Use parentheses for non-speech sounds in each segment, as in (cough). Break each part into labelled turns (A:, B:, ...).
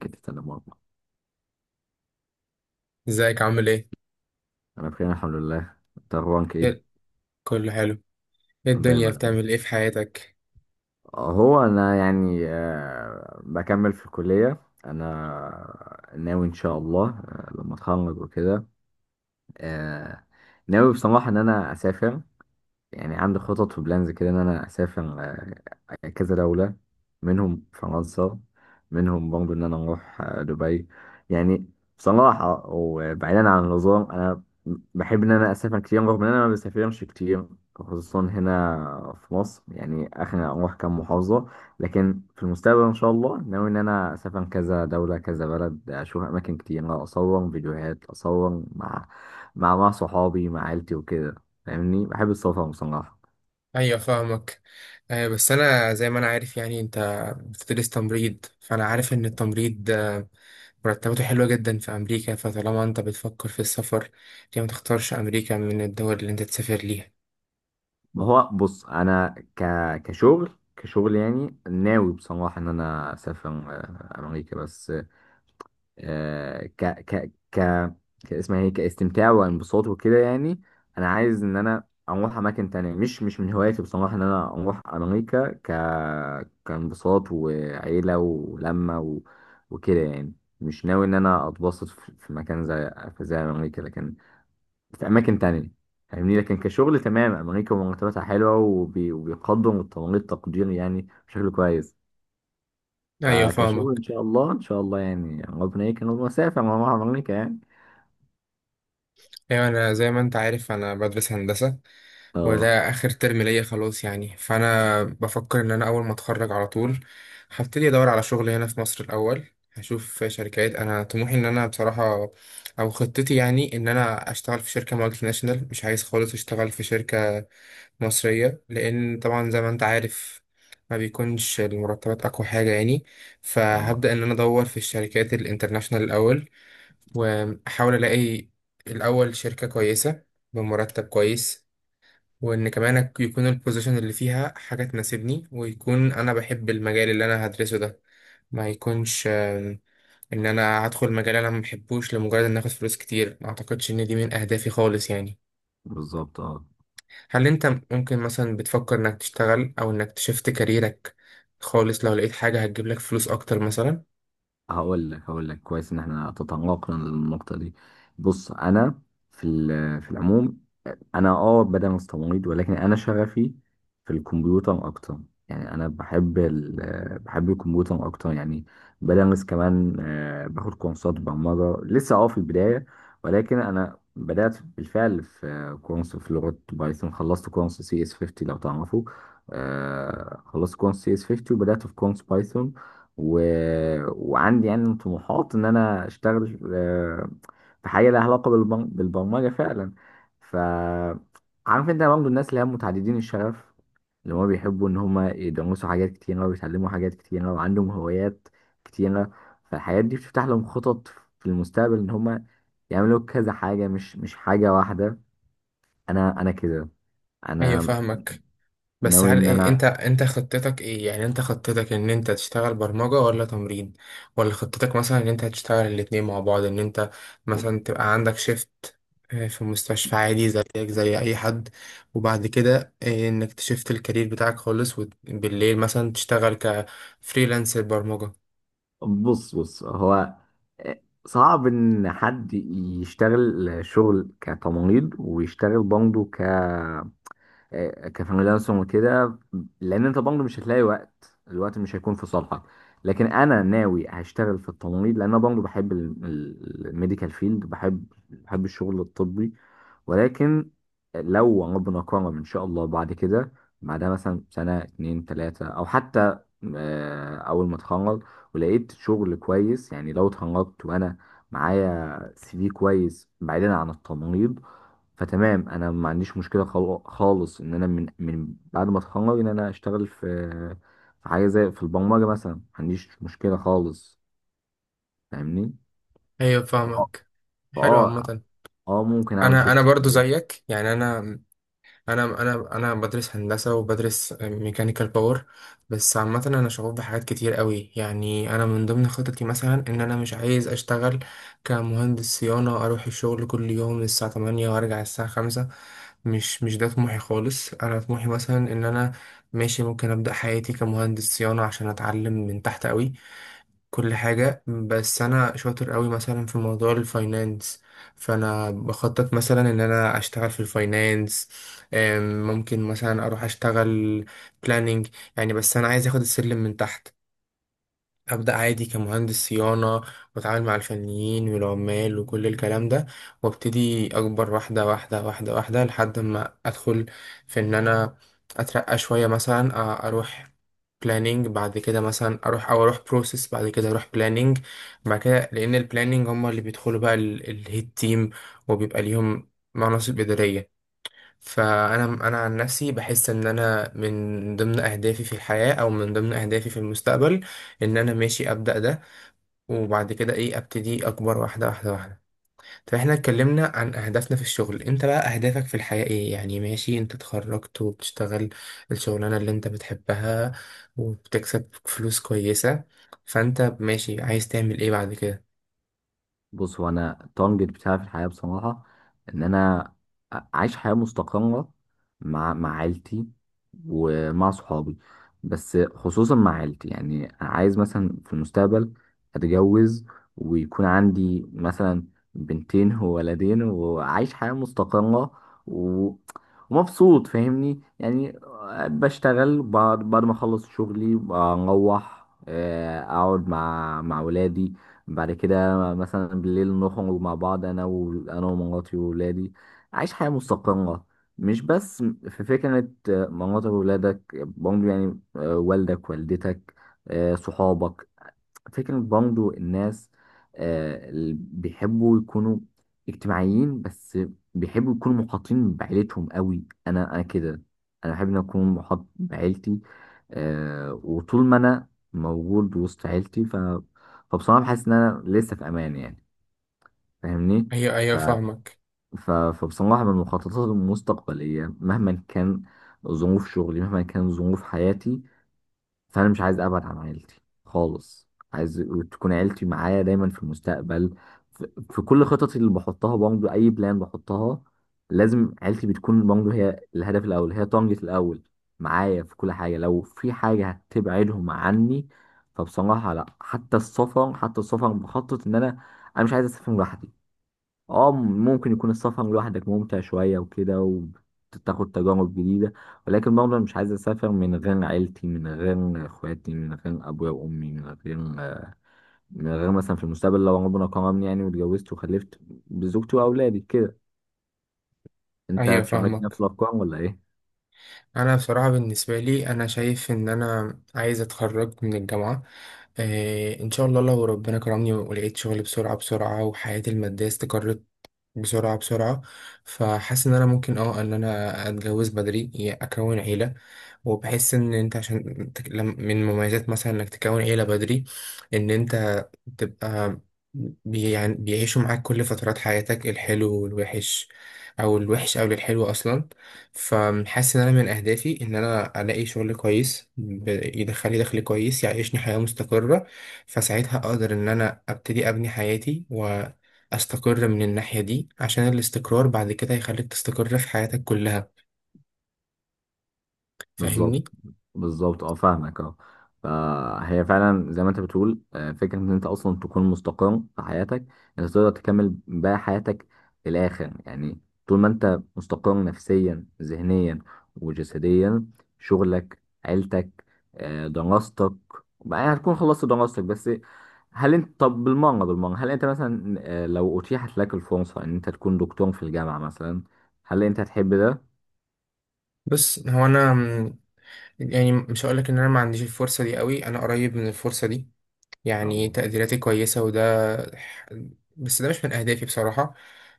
A: كده تمام والله.
B: ازيك عامل ايه؟
A: انا بخير الحمد لله، انت اخبارك ايه؟
B: إيه- كله حلو. ايه الدنيا
A: دايما يا عم.
B: بتعمل ايه في حياتك؟
A: هو انا يعني بكمل في الكليه. انا ناوي ان شاء الله لما اتخرج وكده. آه، ناوي بصراحه ان انا اسافر. يعني عندي خطط وبلانز كده ان انا اسافر كذا دولة، منهم فرنسا، منهم برضه ان انا اروح دبي يعني. بصراحة وبعيدا عن النظام، انا بحب ان انا اسافر كتير رغم ان انا ما بسافرش كتير، خصوصا هنا في مصر يعني اخر اروح كام محافظة. لكن في المستقبل ان شاء الله ناوي ان انا اسافر كذا دولة كذا بلد، اشوف اماكن كتير، اصور فيديوهات، اصور مع مع صحابي مع عيلتي وكده. فاهمني، بحب السلطه بصراحه.
B: ايوه فاهمك. بس انا زي ما انا عارف، يعني انت بتدرس تمريض، فانا عارف ان التمريض مرتباته حلوة جدا في امريكا، فطالما انت بتفكر في السفر، ليه ما تختارش امريكا من الدول اللي انت تسافر ليها؟
A: ما هو بص، انا ك... كشغل كشغل يعني ناوي بصراحه ان انا اسافر امريكا بس. آه، ك ك ك اسمها ايه كاستمتاع وانبساط وكده يعني. انا عايز ان انا اروح اماكن تانية. مش من هواياتي بصراحه ان انا اروح امريكا كانبساط وعيله ولمه وكده يعني. مش ناوي ان انا اتبسط في مكان زي زي امريكا، لكن في اماكن تانية. فاهمني. لكن كشغل تمام، امريكا مرتباتها حلوه وبيقدم التمريض تقدير يعني بشكل كويس.
B: ايوه
A: فكشغل
B: فاهمك.
A: ان شاء الله ان شاء الله يعني ربنا يكرم، ومسافر مع امريكا يعني.
B: ايوه، انا زي ما انت عارف، انا بدرس هندسة،
A: اه،
B: وده اخر ترم ليا خلاص، يعني فانا بفكر ان انا اول ما اتخرج على طول هبتدي ادور على شغل هنا في مصر الاول. هشوف شركات. انا طموحي ان انا، بصراحه، او خطتي يعني ان انا اشتغل في شركه مالتي ناشونال. مش عايز خالص اشتغل في شركه مصريه، لان طبعا زي ما انت عارف ما بيكونش المرتبات اقوى حاجه يعني.
A: اه،
B: فهبدا ان انا ادور في الشركات الانترناشونال الاول، واحاول الاقي الاول شركه كويسه بمرتب كويس، وان كمان يكون البوزيشن اللي فيها حاجه تناسبني، ويكون انا بحب المجال اللي انا هدرسه ده. ما يكونش ان انا هدخل مجال انا ما بحبوش لمجرد ان اخد فلوس كتير. ما اعتقدش ان دي من اهدافي خالص يعني.
A: بالظبط، اه.
B: هل انت ممكن مثلا بتفكر انك تشتغل او انك تشفت كاريرك خالص لو لقيت حاجه هتجيب لك فلوس اكتر مثلا؟
A: هقول لك كويس ان احنا تطرقنا للنقطه دي. بص انا في العموم، انا بدأ مستميت، ولكن انا شغفي في الكمبيوتر اكتر. يعني انا بحب ال آه، بحب الكمبيوتر اكتر يعني. بدرس كمان، باخد كورسات برمجة، لسه في البداية. ولكن انا بدأت بالفعل في كورس في لغة بايثون. خلصت كورس CS50 لو تعرفه. خلصت كورس CS50 وبدأت في كورس بايثون. و... وعندي يعني طموحات ان انا اشتغل في حاجة لها علاقة بالبرمجة فعلا. ف عارف انت برضه الناس اللي هم متعددين الشغف، اللي هما بيحبوا ان هما يدرسوا حاجات كتيرة ويتعلموا حاجات كتيرة وعندهم هوايات كتيرة. فالحاجات دي بتفتح لهم خطط في المستقبل ان هما يعملوا كذا حاجة، مش حاجة واحدة. انا كده.
B: ايوه
A: انا
B: فاهمك. بس
A: ناوي
B: هل
A: ان
B: انت
A: انا.
B: انت خطتك ايه؟ يعني انت خطتك ان انت تشتغل برمجة ولا تمريض؟ ولا خطتك مثلا ان انت هتشتغل الاتنين مع بعض، ان انت مثلا تبقى عندك شيفت في مستشفى عادي زيك زي اي حد، وبعد كده انك تشفت الكارير بتاعك خالص، وبالليل مثلا تشتغل كفريلانسر برمجة؟
A: بص هو، صعب ان حد يشتغل شغل كتمريض ويشتغل برضه كفريلانسر وكده، لان انت برضه مش هتلاقي وقت، الوقت مش هيكون في صالحك. لكن انا ناوي هشتغل في التمريض، لان انا برضه بحب الميديكال فيلد، بحب الشغل الطبي. ولكن لو ربنا كرم ان شاء الله بعد كده، بعدها مثلا سنه اتنين تلاته، او حتى اول ما اتخرج ولقيت شغل كويس، يعني لو اتخرجت وانا معايا CV كويس بعيدا عن التمريض، فتمام انا ما عنديش مشكله خالص ان انا من بعد ما اتخرج ان انا اشتغل في حاجه زي في البرمجه مثلا، ما عنديش مشكله خالص. فاهمني.
B: ايوه
A: فاه
B: فاهمك. حلو
A: فاه اه
B: عامة.
A: آه، ممكن اعمل
B: انا
A: شيفت.
B: برضو زيك، يعني انا بدرس هندسه وبدرس ميكانيكال باور. بس عامه انا شغوف بحاجات كتير قوي. يعني انا من ضمن خططي مثلا ان انا مش عايز اشتغل كمهندس صيانه اروح الشغل كل يوم الساعه 8 وارجع الساعه 5. مش ده طموحي خالص. انا طموحي مثلا ان انا ماشي ممكن ابدا حياتي كمهندس صيانه عشان اتعلم من تحت قوي كل حاجة. بس أنا شاطر قوي مثلا في موضوع الفاينانس، فأنا بخطط مثلا إن أنا أشتغل في الفاينانس. ممكن مثلا أروح أشتغل بلاننج يعني. بس أنا عايز أخد السلم من تحت، أبدأ عادي كمهندس صيانة، وأتعامل مع الفنيين والعمال وكل الكلام ده، وأبتدي أكبر واحدة واحدة واحدة واحدة لحد ما أدخل في إن أنا أترقى شوية. مثلا أروح بلانينج بعد كده، مثلا أروح، أو أروح بروسيس بعد كده أروح بلانينج بعد كده، لأن البلانينج هما اللي بيدخلوا بقى الهيد تيم، وبيبقى ليهم مناصب إدارية. فانا انا عن نفسي بحس ان انا من ضمن اهدافي في الحياه، او من ضمن اهدافي في المستقبل، ان انا ماشي ابدا ده وبعد كده ايه ابتدي اكبر واحده واحده واحده. طب احنا اتكلمنا عن اهدافنا في الشغل، انت بقى اهدافك في الحياه ايه يعني؟ ماشي، انت اتخرجت وبتشتغل الشغلانه اللي انت بتحبها وبتكسب فلوس كويسه، فانت ماشي عايز تعمل ايه بعد كده؟
A: بص هو انا التارجت بتاعي في الحياه بصراحه، ان انا عايش حياه مستقره مع عيلتي ومع صحابي، بس خصوصا مع عيلتي يعني. عايز مثلا في المستقبل اتجوز، ويكون عندي مثلا بنتين وولدين وعايش حياه مستقره و... ومبسوط. فاهمني يعني. بشتغل، بعد ما اخلص شغلي، بروح اقعد مع ولادي. بعد كده مثلا بالليل نخرج مع بعض، انا ومراتي وولادي. عايش حياة مستقرة. مش بس في فكرة مراتك وولادك برضه يعني، والدك والدتك، صحابك. فكرة برضه الناس اللي بيحبوا يكونوا اجتماعيين، بس بيحبوا يكونوا محاطين بعيلتهم قوي. انا كده. انا بحب ان اكون محاط بعيلتي. وطول ما انا موجود وسط عيلتي، فبصراحة بحس ان انا لسه في امان يعني. فاهمني.
B: ايوه ايوه
A: ف...
B: فاهمك.
A: فبصراحة من المخططات المستقبلية، مهما كان ظروف شغلي، مهما كان ظروف حياتي، فانا مش عايز ابعد عن عيلتي خالص. عايز تكون عيلتي معايا دايما في المستقبل. في كل خططي اللي بحطها، برضه اي بلان بحطها لازم عيلتي بتكون برضه هي الهدف الاول، هي طنجة الاول معايا في كل حاجه. لو في حاجه هتبعدهم عني فبصراحه لا. حتى السفر، حتى السفر بخطط ان انا مش عايز اسافر لوحدي. اه، ممكن يكون السفر لوحدك ممتع شوية وكده، وتاخد تجارب جديدة، ولكن برضه أنا مش عايز أسافر من غير عيلتي، من غير إخواتي، من غير أبويا وأمي، من غير مثلا في المستقبل لو ربنا كرمني يعني واتجوزت وخلفت، بزوجتي وأولادي كده. أنت
B: ايوه
A: تشاركني نفس
B: فاهمك.
A: الأفكار ولا إيه؟
B: انا بصراحه بالنسبه لي انا شايف ان انا عايز اتخرج من الجامعه، آه ان شاء الله، لو ربنا كرمني ولقيت شغل بسرعه بسرعه وحياتي الماديه استقرت بسرعة بسرعة، فحاسس إن أنا ممكن إن أنا أتجوز بدري، يعني أكون عيلة. وبحس إن أنت عشان من مميزات مثلا إنك تكون عيلة بدري، إن أنت تبقى يعني بيعيشوا معاك كل فترات حياتك، الحلو والوحش، أو الوحش أو الحلو أصلا. فحاسس إن أنا من أهدافي إن أنا ألاقي شغل كويس يدخلي دخل كويس يعيشني حياة مستقرة، فساعتها أقدر إن أنا أبتدي أبني حياتي. استقر من الناحية دي، عشان الاستقرار بعد كده هيخليك تستقر في حياتك كلها.
A: بالظبط،
B: فاهمني.
A: بالظبط، اه، فاهمك، اه. فهي فعلا زي ما انت بتقول، فكرة ان انت اصلا تكون مستقر في حياتك، انت تقدر تكمل بقى حياتك للاخر يعني. طول ما انت مستقر نفسيا، ذهنيا، وجسديا، شغلك، عيلتك، دراستك بقى هتكون خلصت دراستك بس. هل انت طب، بالمرة بالمرة، هل انت مثلا لو اتيحت لك الفرصة ان انت تكون دكتور في الجامعة مثلا، هل انت هتحب ده؟
B: بس هو انا يعني مش هقولك ان انا ما عنديش الفرصة دي قوي، انا قريب من الفرصة دي،
A: ان شاء
B: يعني
A: الله.
B: تقديراتي كويسة وده. ح- بس ده مش من اهدافي بصراحة.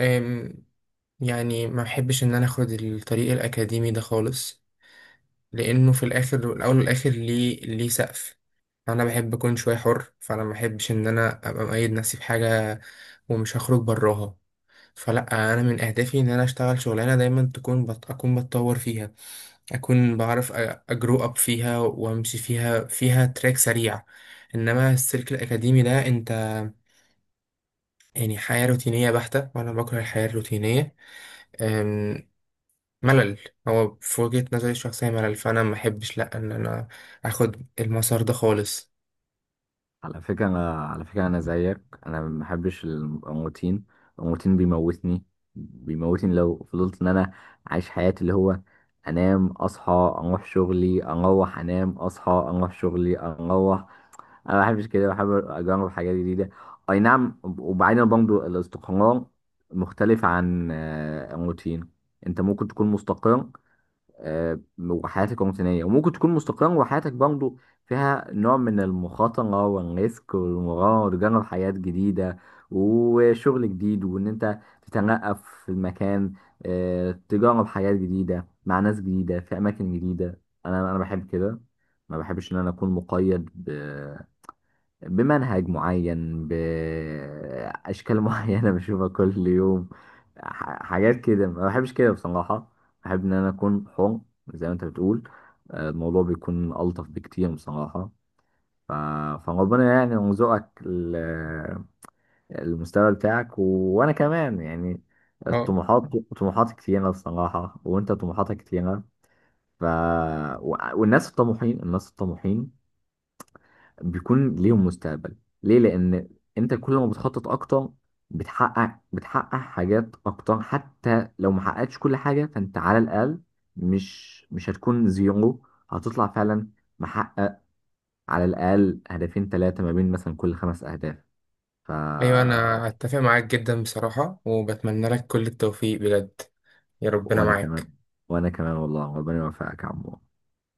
B: أم، يعني ما بحبش ان انا اخد الطريق الاكاديمي ده خالص، لانه في الاخر والاول والاخر ليه سقف. انا بحب اكون شوية حر، فانا ما بحبش ان انا ابقى مقيد نفسي في حاجة ومش هخرج براها. فلا، انا من اهدافي ان انا اشتغل شغلانه دايما تكون اكون بتطور فيها، اكون بعرف اجرو اب فيها وامشي فيها، فيها تراك سريع. انما السلك الاكاديمي ده انت، يعني حياه روتينيه بحته، وانا بكره الحياه الروتينيه. أم، ملل. هو في وجهه نظري الشخصيه ملل، فانا ما احبش لا ان انا اخد المسار ده خالص.
A: على فكرة، أنا زيك. أنا ما بحبش الروتين. الروتين بيموتني، بيموتني لو فضلت إن أنا عايش حياتي اللي هو أنام، أصحى، أروح شغلي، أروح، أنام، أصحى، أروح شغلي، أروح. أنا ما بحبش كده، بحب أجرب حاجات جديدة. أي نعم. وبعدين برضه، الاستقرار مختلف عن الروتين. أنت ممكن تكون مستقر وحياتك روتينية، وممكن تكون مستقرة وحياتك برضه فيها نوع من المخاطرة والريسك والمغامرة، وتجرب حياة جديدة وشغل جديد وإن أنت تتنقل في المكان، تجرب حياة جديدة مع ناس جديدة في أماكن جديدة. أنا بحب كده. ما بحبش إن أنا أكون مقيد بمنهج معين، بأشكال (laughs) معينة بشوفها كل يوم، حاجات كده. ما بحبش كده بصراحة. بحب إن أنا أكون حر زي ما أنت بتقول. الموضوع بيكون ألطف بكتير بصراحة. ف... فربنا يعني يرزقك المستوى بتاعك، وأنا كمان يعني
B: اه.
A: الطموحات. طموحاتي كتيرة بصراحة، وأنت طموحاتك كتيرة. ف... والناس الطموحين، الناس الطموحين بيكون ليهم مستقبل. ليه؟ لان انت كل ما بتخطط اكتر، بتحقق حاجات اكتر، حتى لو ما حققتش كل حاجه فانت على الاقل مش هتكون زيرو. هتطلع فعلا محقق على الاقل هدفين ثلاثه ما بين مثلا كل خمس اهداف. ف
B: ايوه، انا اتفق معاك جدا بصراحه، وبتمنى لك كل التوفيق بجد، يا ربنا
A: وانا كمان،
B: معاك.
A: وانا كمان والله ربنا يوفقك يا عمو.